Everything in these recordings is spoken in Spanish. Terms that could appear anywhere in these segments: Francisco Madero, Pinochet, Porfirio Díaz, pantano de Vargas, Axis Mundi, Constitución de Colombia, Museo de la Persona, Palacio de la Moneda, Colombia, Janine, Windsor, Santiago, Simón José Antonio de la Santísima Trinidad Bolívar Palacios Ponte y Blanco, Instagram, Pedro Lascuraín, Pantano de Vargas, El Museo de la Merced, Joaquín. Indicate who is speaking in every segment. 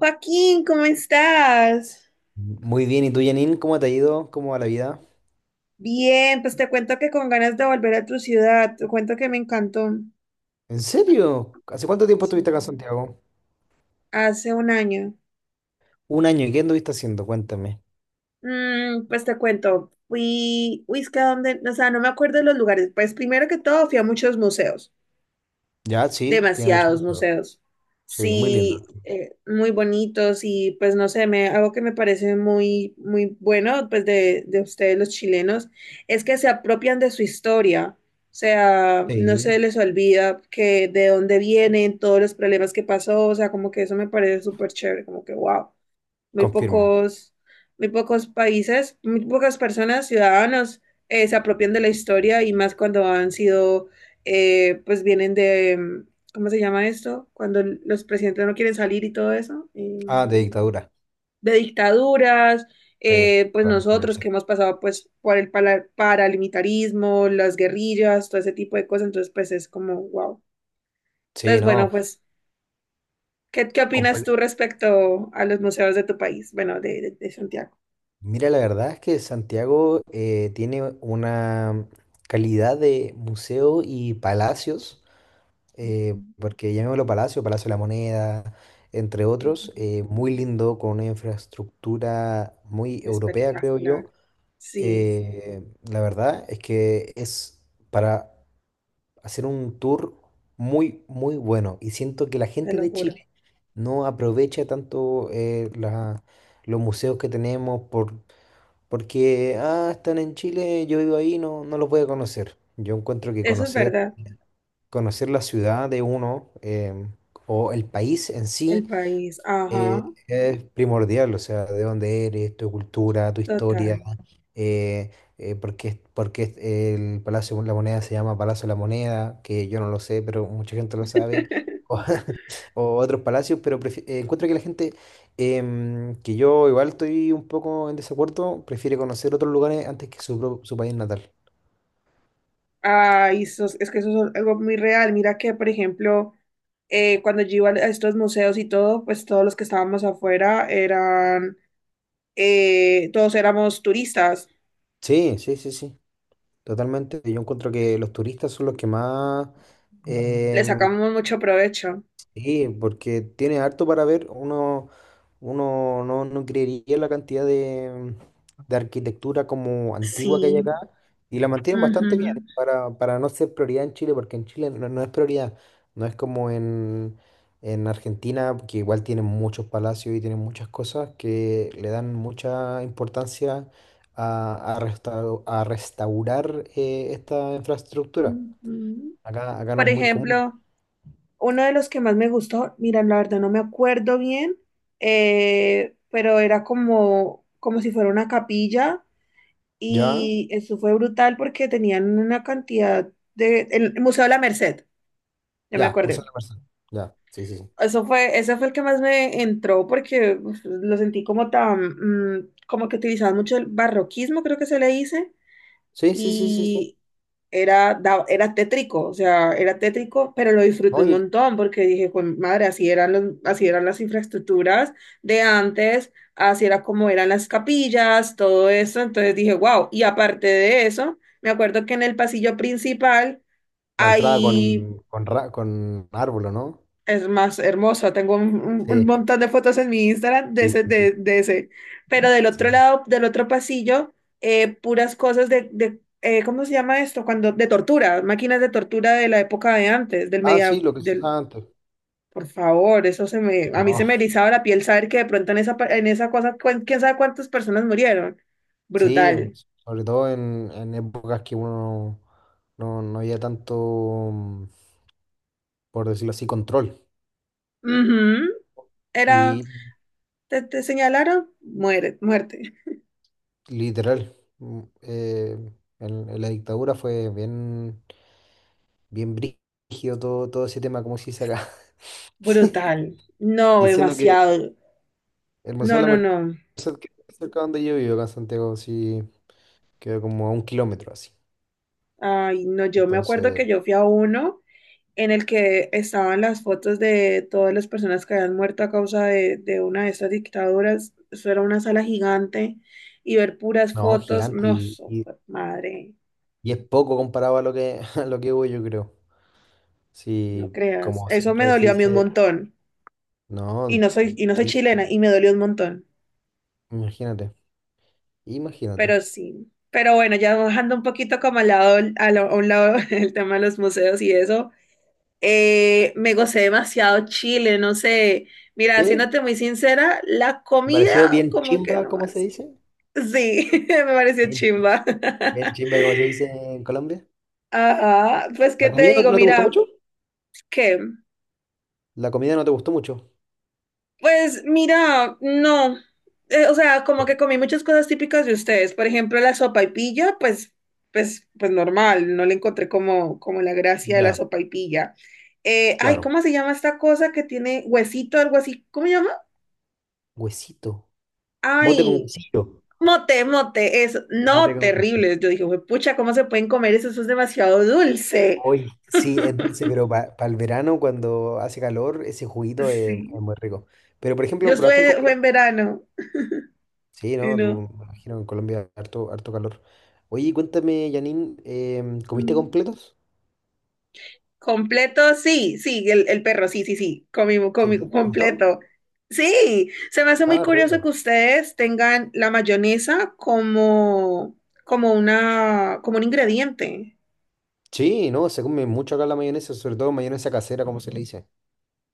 Speaker 1: Joaquín, ¿cómo estás?
Speaker 2: Muy bien, ¿y tú, Janine? ¿Cómo te ha ido? ¿Cómo va la vida?
Speaker 1: Bien, pues te cuento que con ganas de volver a tu ciudad, te cuento que me encantó.
Speaker 2: ¿En serio? ¿Hace cuánto tiempo
Speaker 1: Sí,
Speaker 2: estuviste acá en Santiago?
Speaker 1: hace un año.
Speaker 2: Un año, ¿y qué anduviste haciendo? Cuéntame.
Speaker 1: Pues te cuento, fui, uy, es que a dónde, o sea, no me acuerdo de los lugares. Pues primero que todo fui a muchos museos.
Speaker 2: Ya, sí, tiene mucho
Speaker 1: Demasiados
Speaker 2: museo.
Speaker 1: museos.
Speaker 2: Sí, muy lindo.
Speaker 1: Sí, muy bonitos y pues no sé, me, algo que me parece muy, muy bueno pues de ustedes los chilenos es que se apropian de su historia. O sea, no se
Speaker 2: Sí,
Speaker 1: les olvida que de dónde vienen todos los problemas que pasó, o sea, como que eso me parece súper chévere, como que wow. Muy
Speaker 2: confirmo.
Speaker 1: pocos, muy pocos países, muy pocas personas, ciudadanos, se apropian de la historia y más cuando han sido, pues vienen de, ¿cómo se llama esto? Cuando los presidentes no quieren salir y todo eso,
Speaker 2: Ah, de dictadura.
Speaker 1: de dictaduras,
Speaker 2: Sí,
Speaker 1: pues
Speaker 2: con
Speaker 1: nosotros
Speaker 2: Pinochet.
Speaker 1: que hemos pasado pues por el paramilitarismo, las guerrillas, todo ese tipo de cosas, entonces pues es como, wow.
Speaker 2: Sí,
Speaker 1: Entonces,
Speaker 2: no.
Speaker 1: bueno, pues, ¿qué opinas tú
Speaker 2: comple-
Speaker 1: respecto a los museos de tu país? Bueno, de, de Santiago.
Speaker 2: Mira, la verdad es que Santiago tiene una calidad de museo y palacios. Porque llamémoslo Palacio, Palacio de la Moneda, entre otros,
Speaker 1: Ujú.
Speaker 2: muy lindo, con una infraestructura muy europea, creo yo.
Speaker 1: Espectacular. Sí,
Speaker 2: Eh, la verdad es que es para hacer un tour muy, muy bueno. Y siento que la
Speaker 1: te
Speaker 2: gente
Speaker 1: lo
Speaker 2: de
Speaker 1: juro.
Speaker 2: Chile no aprovecha tanto los museos que tenemos porque, ah, están en Chile, yo vivo ahí, no, no los voy a conocer. Yo encuentro que
Speaker 1: Eso es
Speaker 2: conocer
Speaker 1: verdad.
Speaker 2: conocer la ciudad de uno o el país en sí
Speaker 1: El país. Ajá,
Speaker 2: es primordial, o sea, de dónde eres, tu cultura, tu historia,
Speaker 1: total.
Speaker 2: eh, por qué el Palacio de la Moneda se llama Palacio de la Moneda, que yo no lo sé, pero mucha gente lo sabe, o, o otros palacios, pero encuentro que la gente, que yo igual estoy un poco en desacuerdo, prefiere conocer otros lugares antes que su país natal.
Speaker 1: Ay, eso es que eso es algo muy real. Mira que, por ejemplo, cuando yo iba a estos museos y todo, pues todos los que estábamos afuera eran, todos éramos turistas.
Speaker 2: Sí, sí, sí, sí. Totalmente. Yo encuentro que los turistas son los que más. Mm.
Speaker 1: Le sacamos mucho provecho.
Speaker 2: Sí, porque tiene harto para ver. Uno no, no creería la cantidad de arquitectura como antigua que hay
Speaker 1: Sí.
Speaker 2: acá y la mantienen bastante bien
Speaker 1: Ujú,
Speaker 2: para no ser prioridad en Chile, porque en Chile no, no es prioridad. No es como en Argentina, que igual tienen muchos palacios y tienen muchas cosas que le dan mucha importancia a restaurar esta infraestructura.
Speaker 1: ujú.
Speaker 2: Acá, acá no
Speaker 1: Por
Speaker 2: es muy común.
Speaker 1: ejemplo, uno de los que más me gustó, mira, la verdad no me acuerdo bien, pero era como, como si fuera una capilla
Speaker 2: ¿Ya?
Speaker 1: y eso fue brutal porque tenían una cantidad de... El Museo de la Merced, ya me
Speaker 2: Ya, Museo
Speaker 1: acordé.
Speaker 2: de la Persona. Ya, sí, sí, sí.
Speaker 1: Eso fue, ese fue el que más me entró porque uf, lo sentí como tan, como que utilizaban mucho el barroquismo, creo que se le dice.
Speaker 2: Sí, sí, sí, sí, sí.
Speaker 1: Y era, era tétrico, o sea, era tétrico, pero lo disfruté
Speaker 2: ¿No?
Speaker 1: un
Speaker 2: Y
Speaker 1: montón porque dije, pues madre, así eran los, así eran las infraestructuras de antes, así era como eran las capillas, todo eso, entonces dije, wow, y aparte de eso, me acuerdo que en el pasillo principal
Speaker 2: la entrada
Speaker 1: hay
Speaker 2: con árbol, ¿o no?
Speaker 1: es más hermosa, tengo un, un
Speaker 2: Sí,
Speaker 1: montón de fotos en mi Instagram de
Speaker 2: sí,
Speaker 1: ese,
Speaker 2: sí, sí,
Speaker 1: de ese. Pero del otro
Speaker 2: sí.
Speaker 1: lado, del otro pasillo, puras cosas de ¿cómo se llama esto? Cuando, de tortura, máquinas de tortura de la época de antes, del
Speaker 2: Ah,
Speaker 1: media,
Speaker 2: sí, lo que se
Speaker 1: del,
Speaker 2: usaba antes.
Speaker 1: por favor, eso se me, a mí
Speaker 2: No.
Speaker 1: se me erizaba la piel saber que de pronto en esa, en esa cosa, quién sabe cuántas personas murieron.
Speaker 2: Sí,
Speaker 1: Brutal.
Speaker 2: sobre todo en épocas que uno no, no había tanto, mm, por decirlo así, control.
Speaker 1: Ujú. Era,
Speaker 2: Y
Speaker 1: te señalaron, muere, muerte.
Speaker 2: literal, en la dictadura fue bien, bien brígido todo, todo ese tema, como se dice acá.
Speaker 1: Brutal. No,
Speaker 2: Y siendo que
Speaker 1: demasiado.
Speaker 2: el Museo
Speaker 1: No,
Speaker 2: de
Speaker 1: no,
Speaker 2: la
Speaker 1: no.
Speaker 2: sea, que cerca donde yo vivo, acá en Santiago, sí, queda como a un kilómetro así.
Speaker 1: Ay, no, yo me acuerdo
Speaker 2: Entonces,
Speaker 1: que yo fui a uno en el que estaban las fotos de todas las personas que habían muerto a causa de una de esas dictaduras. Eso era una sala gigante y ver puras
Speaker 2: no,
Speaker 1: fotos,
Speaker 2: gigante
Speaker 1: no, so- madre,
Speaker 2: y es poco comparado a lo que, a lo que voy, yo creo.
Speaker 1: no
Speaker 2: Sí,
Speaker 1: creas.
Speaker 2: como
Speaker 1: Eso me
Speaker 2: siempre se
Speaker 1: dolió a mí un
Speaker 2: dice,
Speaker 1: montón.
Speaker 2: no,
Speaker 1: Y no soy chilena
Speaker 2: triste,
Speaker 1: y me dolió un montón.
Speaker 2: imagínate, imagínate.
Speaker 1: Pero sí. Pero bueno, ya bajando un poquito como al lado, a, lo- a un lado el tema de los museos y eso. Me gocé demasiado Chile, no sé. Mira,
Speaker 2: ¿Sí?
Speaker 1: siéndote muy sincera, la comida,
Speaker 2: ¿Pareció bien
Speaker 1: como que
Speaker 2: chimba, como se
Speaker 1: nomás.
Speaker 2: dice?
Speaker 1: Sí, me pareció
Speaker 2: Bien, chi-
Speaker 1: chimba.
Speaker 2: bien chimba, como se dice en Colombia.
Speaker 1: Ajá, pues qué
Speaker 2: ¿La
Speaker 1: te
Speaker 2: comida no,
Speaker 1: digo,
Speaker 2: no te gustó
Speaker 1: mira,
Speaker 2: mucho?
Speaker 1: ¿qué?
Speaker 2: La comida no te gustó mucho.
Speaker 1: Pues mira, no. O sea, como
Speaker 2: No.
Speaker 1: que comí muchas cosas típicas de ustedes. Por ejemplo, la sopaipilla, pues, pues, pues normal, no le encontré como, como la gracia de la
Speaker 2: Ya,
Speaker 1: sopaipilla. Ay,
Speaker 2: claro.
Speaker 1: ¿cómo se llama esta cosa que tiene huesito, algo así? ¿Cómo se llama?
Speaker 2: Huesito. Mote con
Speaker 1: Ay.
Speaker 2: huesito.
Speaker 1: Mote, mote, es
Speaker 2: Mate
Speaker 1: no
Speaker 2: con huesito.
Speaker 1: terrible. Yo dije: "Jue pucha, ¿cómo se pueden comer eso? Eso es demasiado dulce".
Speaker 2: Hoy sí, es dulce, pero para el verano cuando hace calor, ese juguito es
Speaker 1: Sí.
Speaker 2: muy rico. Pero por
Speaker 1: Yo
Speaker 2: ejemplo, ¿probaste el
Speaker 1: estuve, fue en
Speaker 2: completo?
Speaker 1: verano
Speaker 2: Sí,
Speaker 1: y
Speaker 2: ¿no?
Speaker 1: no.
Speaker 2: Tú, me imagino que en Colombia harto, harto calor. Oye, cuéntame, Janine, ¿comiste
Speaker 1: Mm.
Speaker 2: completos?
Speaker 1: Completo, sí, sí, el perro, sí, sí, sí, comimos,
Speaker 2: Sí,
Speaker 1: comimos,
Speaker 2: te gustó?
Speaker 1: completo. Sí, se me hace muy
Speaker 2: Ah,
Speaker 1: curioso
Speaker 2: rico.
Speaker 1: que ustedes tengan la mayonesa como, como una, como un ingrediente.
Speaker 2: Sí, no, se come mucho acá la mayonesa, sobre todo mayonesa casera, como se le dice.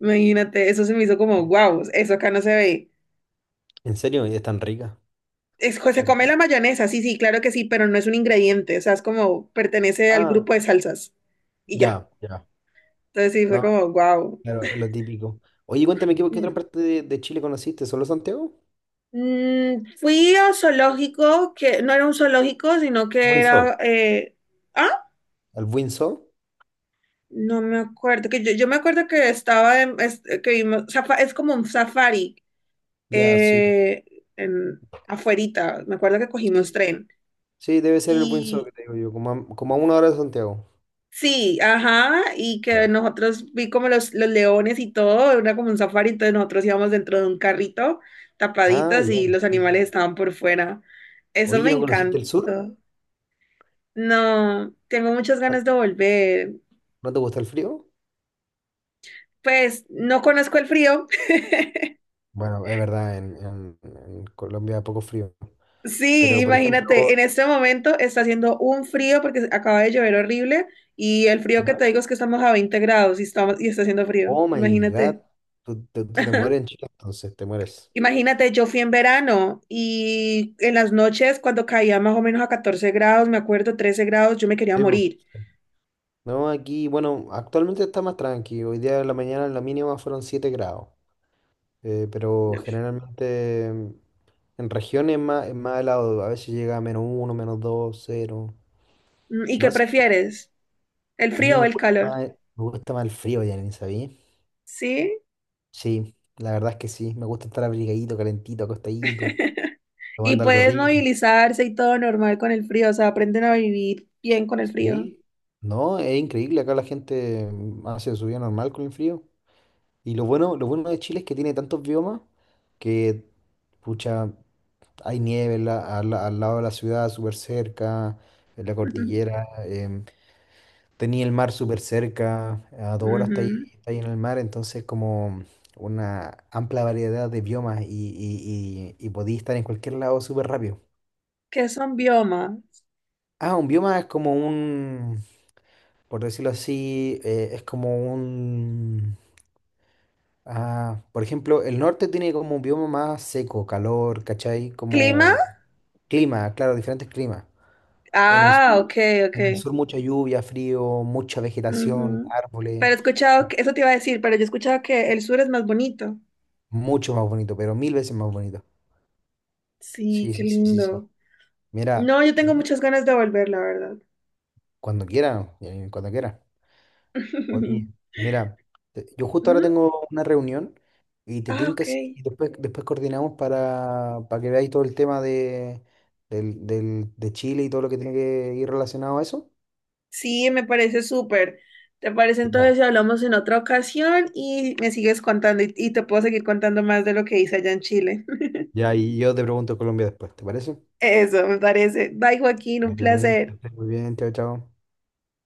Speaker 1: Imagínate, eso se me hizo
Speaker 2: Sí.
Speaker 1: como, wow, eso acá no se ve.
Speaker 2: ¿En serio? ¿Y es tan rica?
Speaker 1: Es, se come la
Speaker 2: Aquí-
Speaker 1: mayonesa, sí, sí, claro que sí, pero no es un ingrediente, o sea, es como pertenece al
Speaker 2: Ah,
Speaker 1: grupo de salsas y ya.
Speaker 2: ya, ya.
Speaker 1: Entonces sí, fue
Speaker 2: No,
Speaker 1: como, wow.
Speaker 2: claro, es lo típico. Oye, cuéntame, qué otra parte de Chile conociste? ¿Solo Santiago?
Speaker 1: Fui a zoológico, que no era un zoológico, sino que
Speaker 2: Windsor.
Speaker 1: era... ah,
Speaker 2: ¿El Windsor?
Speaker 1: no me acuerdo, que yo me acuerdo que estaba en... que vimos, es como un safari
Speaker 2: Ya, sí.
Speaker 1: eh, en, afuerita, me acuerdo que cogimos
Speaker 2: Sí,
Speaker 1: tren.
Speaker 2: sí, debe ser el buen que te digo yo, como a una hora de Santiago.
Speaker 1: Sí, ajá, y que
Speaker 2: Ya.
Speaker 1: nosotros vi como los leones y todo, era como un safari, entonces nosotros íbamos dentro de un carrito
Speaker 2: Ah,
Speaker 1: tapaditas
Speaker 2: ya,
Speaker 1: y los
Speaker 2: sí, sí.
Speaker 1: animales
Speaker 2: Sí.
Speaker 1: estaban por fuera. Eso
Speaker 2: Oye,
Speaker 1: me
Speaker 2: ¿no conociste el sur?
Speaker 1: encantó. No, tengo muchas ganas de volver.
Speaker 2: ¿No te gusta el frío?
Speaker 1: Pues no conozco el frío.
Speaker 2: Bueno, es verdad, en Colombia poco frío.
Speaker 1: Sí,
Speaker 2: Pero, por
Speaker 1: imagínate, en
Speaker 2: ejemplo,
Speaker 1: este momento está haciendo un frío porque acaba de llover horrible y el frío que
Speaker 2: ¿ya?
Speaker 1: te digo es que estamos a 20 grados y estamos y está haciendo frío.
Speaker 2: Oh my God,
Speaker 1: Imagínate.
Speaker 2: tú te mueres en Chile, entonces te mueres.
Speaker 1: Imagínate, yo fui en verano y en las noches cuando caía más o menos a 14 grados, me acuerdo, 13 grados, yo me quería
Speaker 2: Sí, po.
Speaker 1: morir.
Speaker 2: Sí. No, aquí, bueno, actualmente está más tranquilo. Hoy día de la mañana la mínima fueron 7 grados. Pero generalmente en regiones es más helado, a veces llega a -1, -2, 0.
Speaker 1: ¿Y qué
Speaker 2: No, sí,
Speaker 1: prefieres? ¿El
Speaker 2: a mí
Speaker 1: frío o el calor?
Speaker 2: me gusta más el frío, ya ni sabía.
Speaker 1: ¿Sí?
Speaker 2: Sí, la verdad es que sí, me gusta estar abrigadito, calentito, acostadito,
Speaker 1: Y
Speaker 2: tomando algo
Speaker 1: puedes
Speaker 2: rico.
Speaker 1: movilizarse y todo normal con el frío, o sea, aprenden a vivir bien con el frío.
Speaker 2: Sí, no, es increíble, acá la gente hace su vida normal con el frío. Y lo bueno de Chile es que tiene tantos biomas que, pucha, hay nieve al lado de la ciudad, súper cerca, en la cordillera. Tenía el mar súper cerca, a 2 horas
Speaker 1: Ujú.
Speaker 2: está ahí en el mar, entonces como una amplia variedad de biomas y podía estar en cualquier lado súper rápido.
Speaker 1: ¿Qué son biomas?
Speaker 2: Ah, un bioma es como un, por decirlo así, es como un... Ah, por ejemplo, el norte tiene como un bioma más seco, calor, ¿cachai?
Speaker 1: ¿Clima?
Speaker 2: Como clima, claro, diferentes climas. En el
Speaker 1: Ah,
Speaker 2: sur,
Speaker 1: ok,
Speaker 2: en el
Speaker 1: ok.
Speaker 2: sur mucha lluvia, frío, mucha vegetación,
Speaker 1: Ujú.
Speaker 2: árboles,
Speaker 1: Pero he escuchado, que, eso te iba a decir, pero yo he escuchado que el sur es más bonito.
Speaker 2: mucho más bonito, pero mil veces más bonito.
Speaker 1: Sí,
Speaker 2: Sí,
Speaker 1: qué
Speaker 2: sí, sí, sí, sí.
Speaker 1: lindo.
Speaker 2: Mira,
Speaker 1: No, yo
Speaker 2: te
Speaker 1: tengo
Speaker 2: digo,
Speaker 1: muchas ganas de volver, la verdad.
Speaker 2: cuando quieran. Oye, mira, yo justo ahora
Speaker 1: ¿Mm?
Speaker 2: tengo una reunión y te
Speaker 1: Ah,
Speaker 2: tinca
Speaker 1: ok.
Speaker 2: si y después coordinamos para que veáis todo el tema de Chile y todo lo que tiene que ir relacionado a eso.
Speaker 1: Sí, me parece súper. ¿Te parece entonces
Speaker 2: Ya,
Speaker 1: si hablamos en otra ocasión y me sigues contando y te puedo seguir contando más de lo que hice allá en Chile?
Speaker 2: ya, y yo te pregunto Colombia después, ¿te parece?
Speaker 1: Eso, me parece. Bye, Joaquín,
Speaker 2: Vale,
Speaker 1: un
Speaker 2: Janine, que
Speaker 1: placer.
Speaker 2: estés muy bien, chao, chao.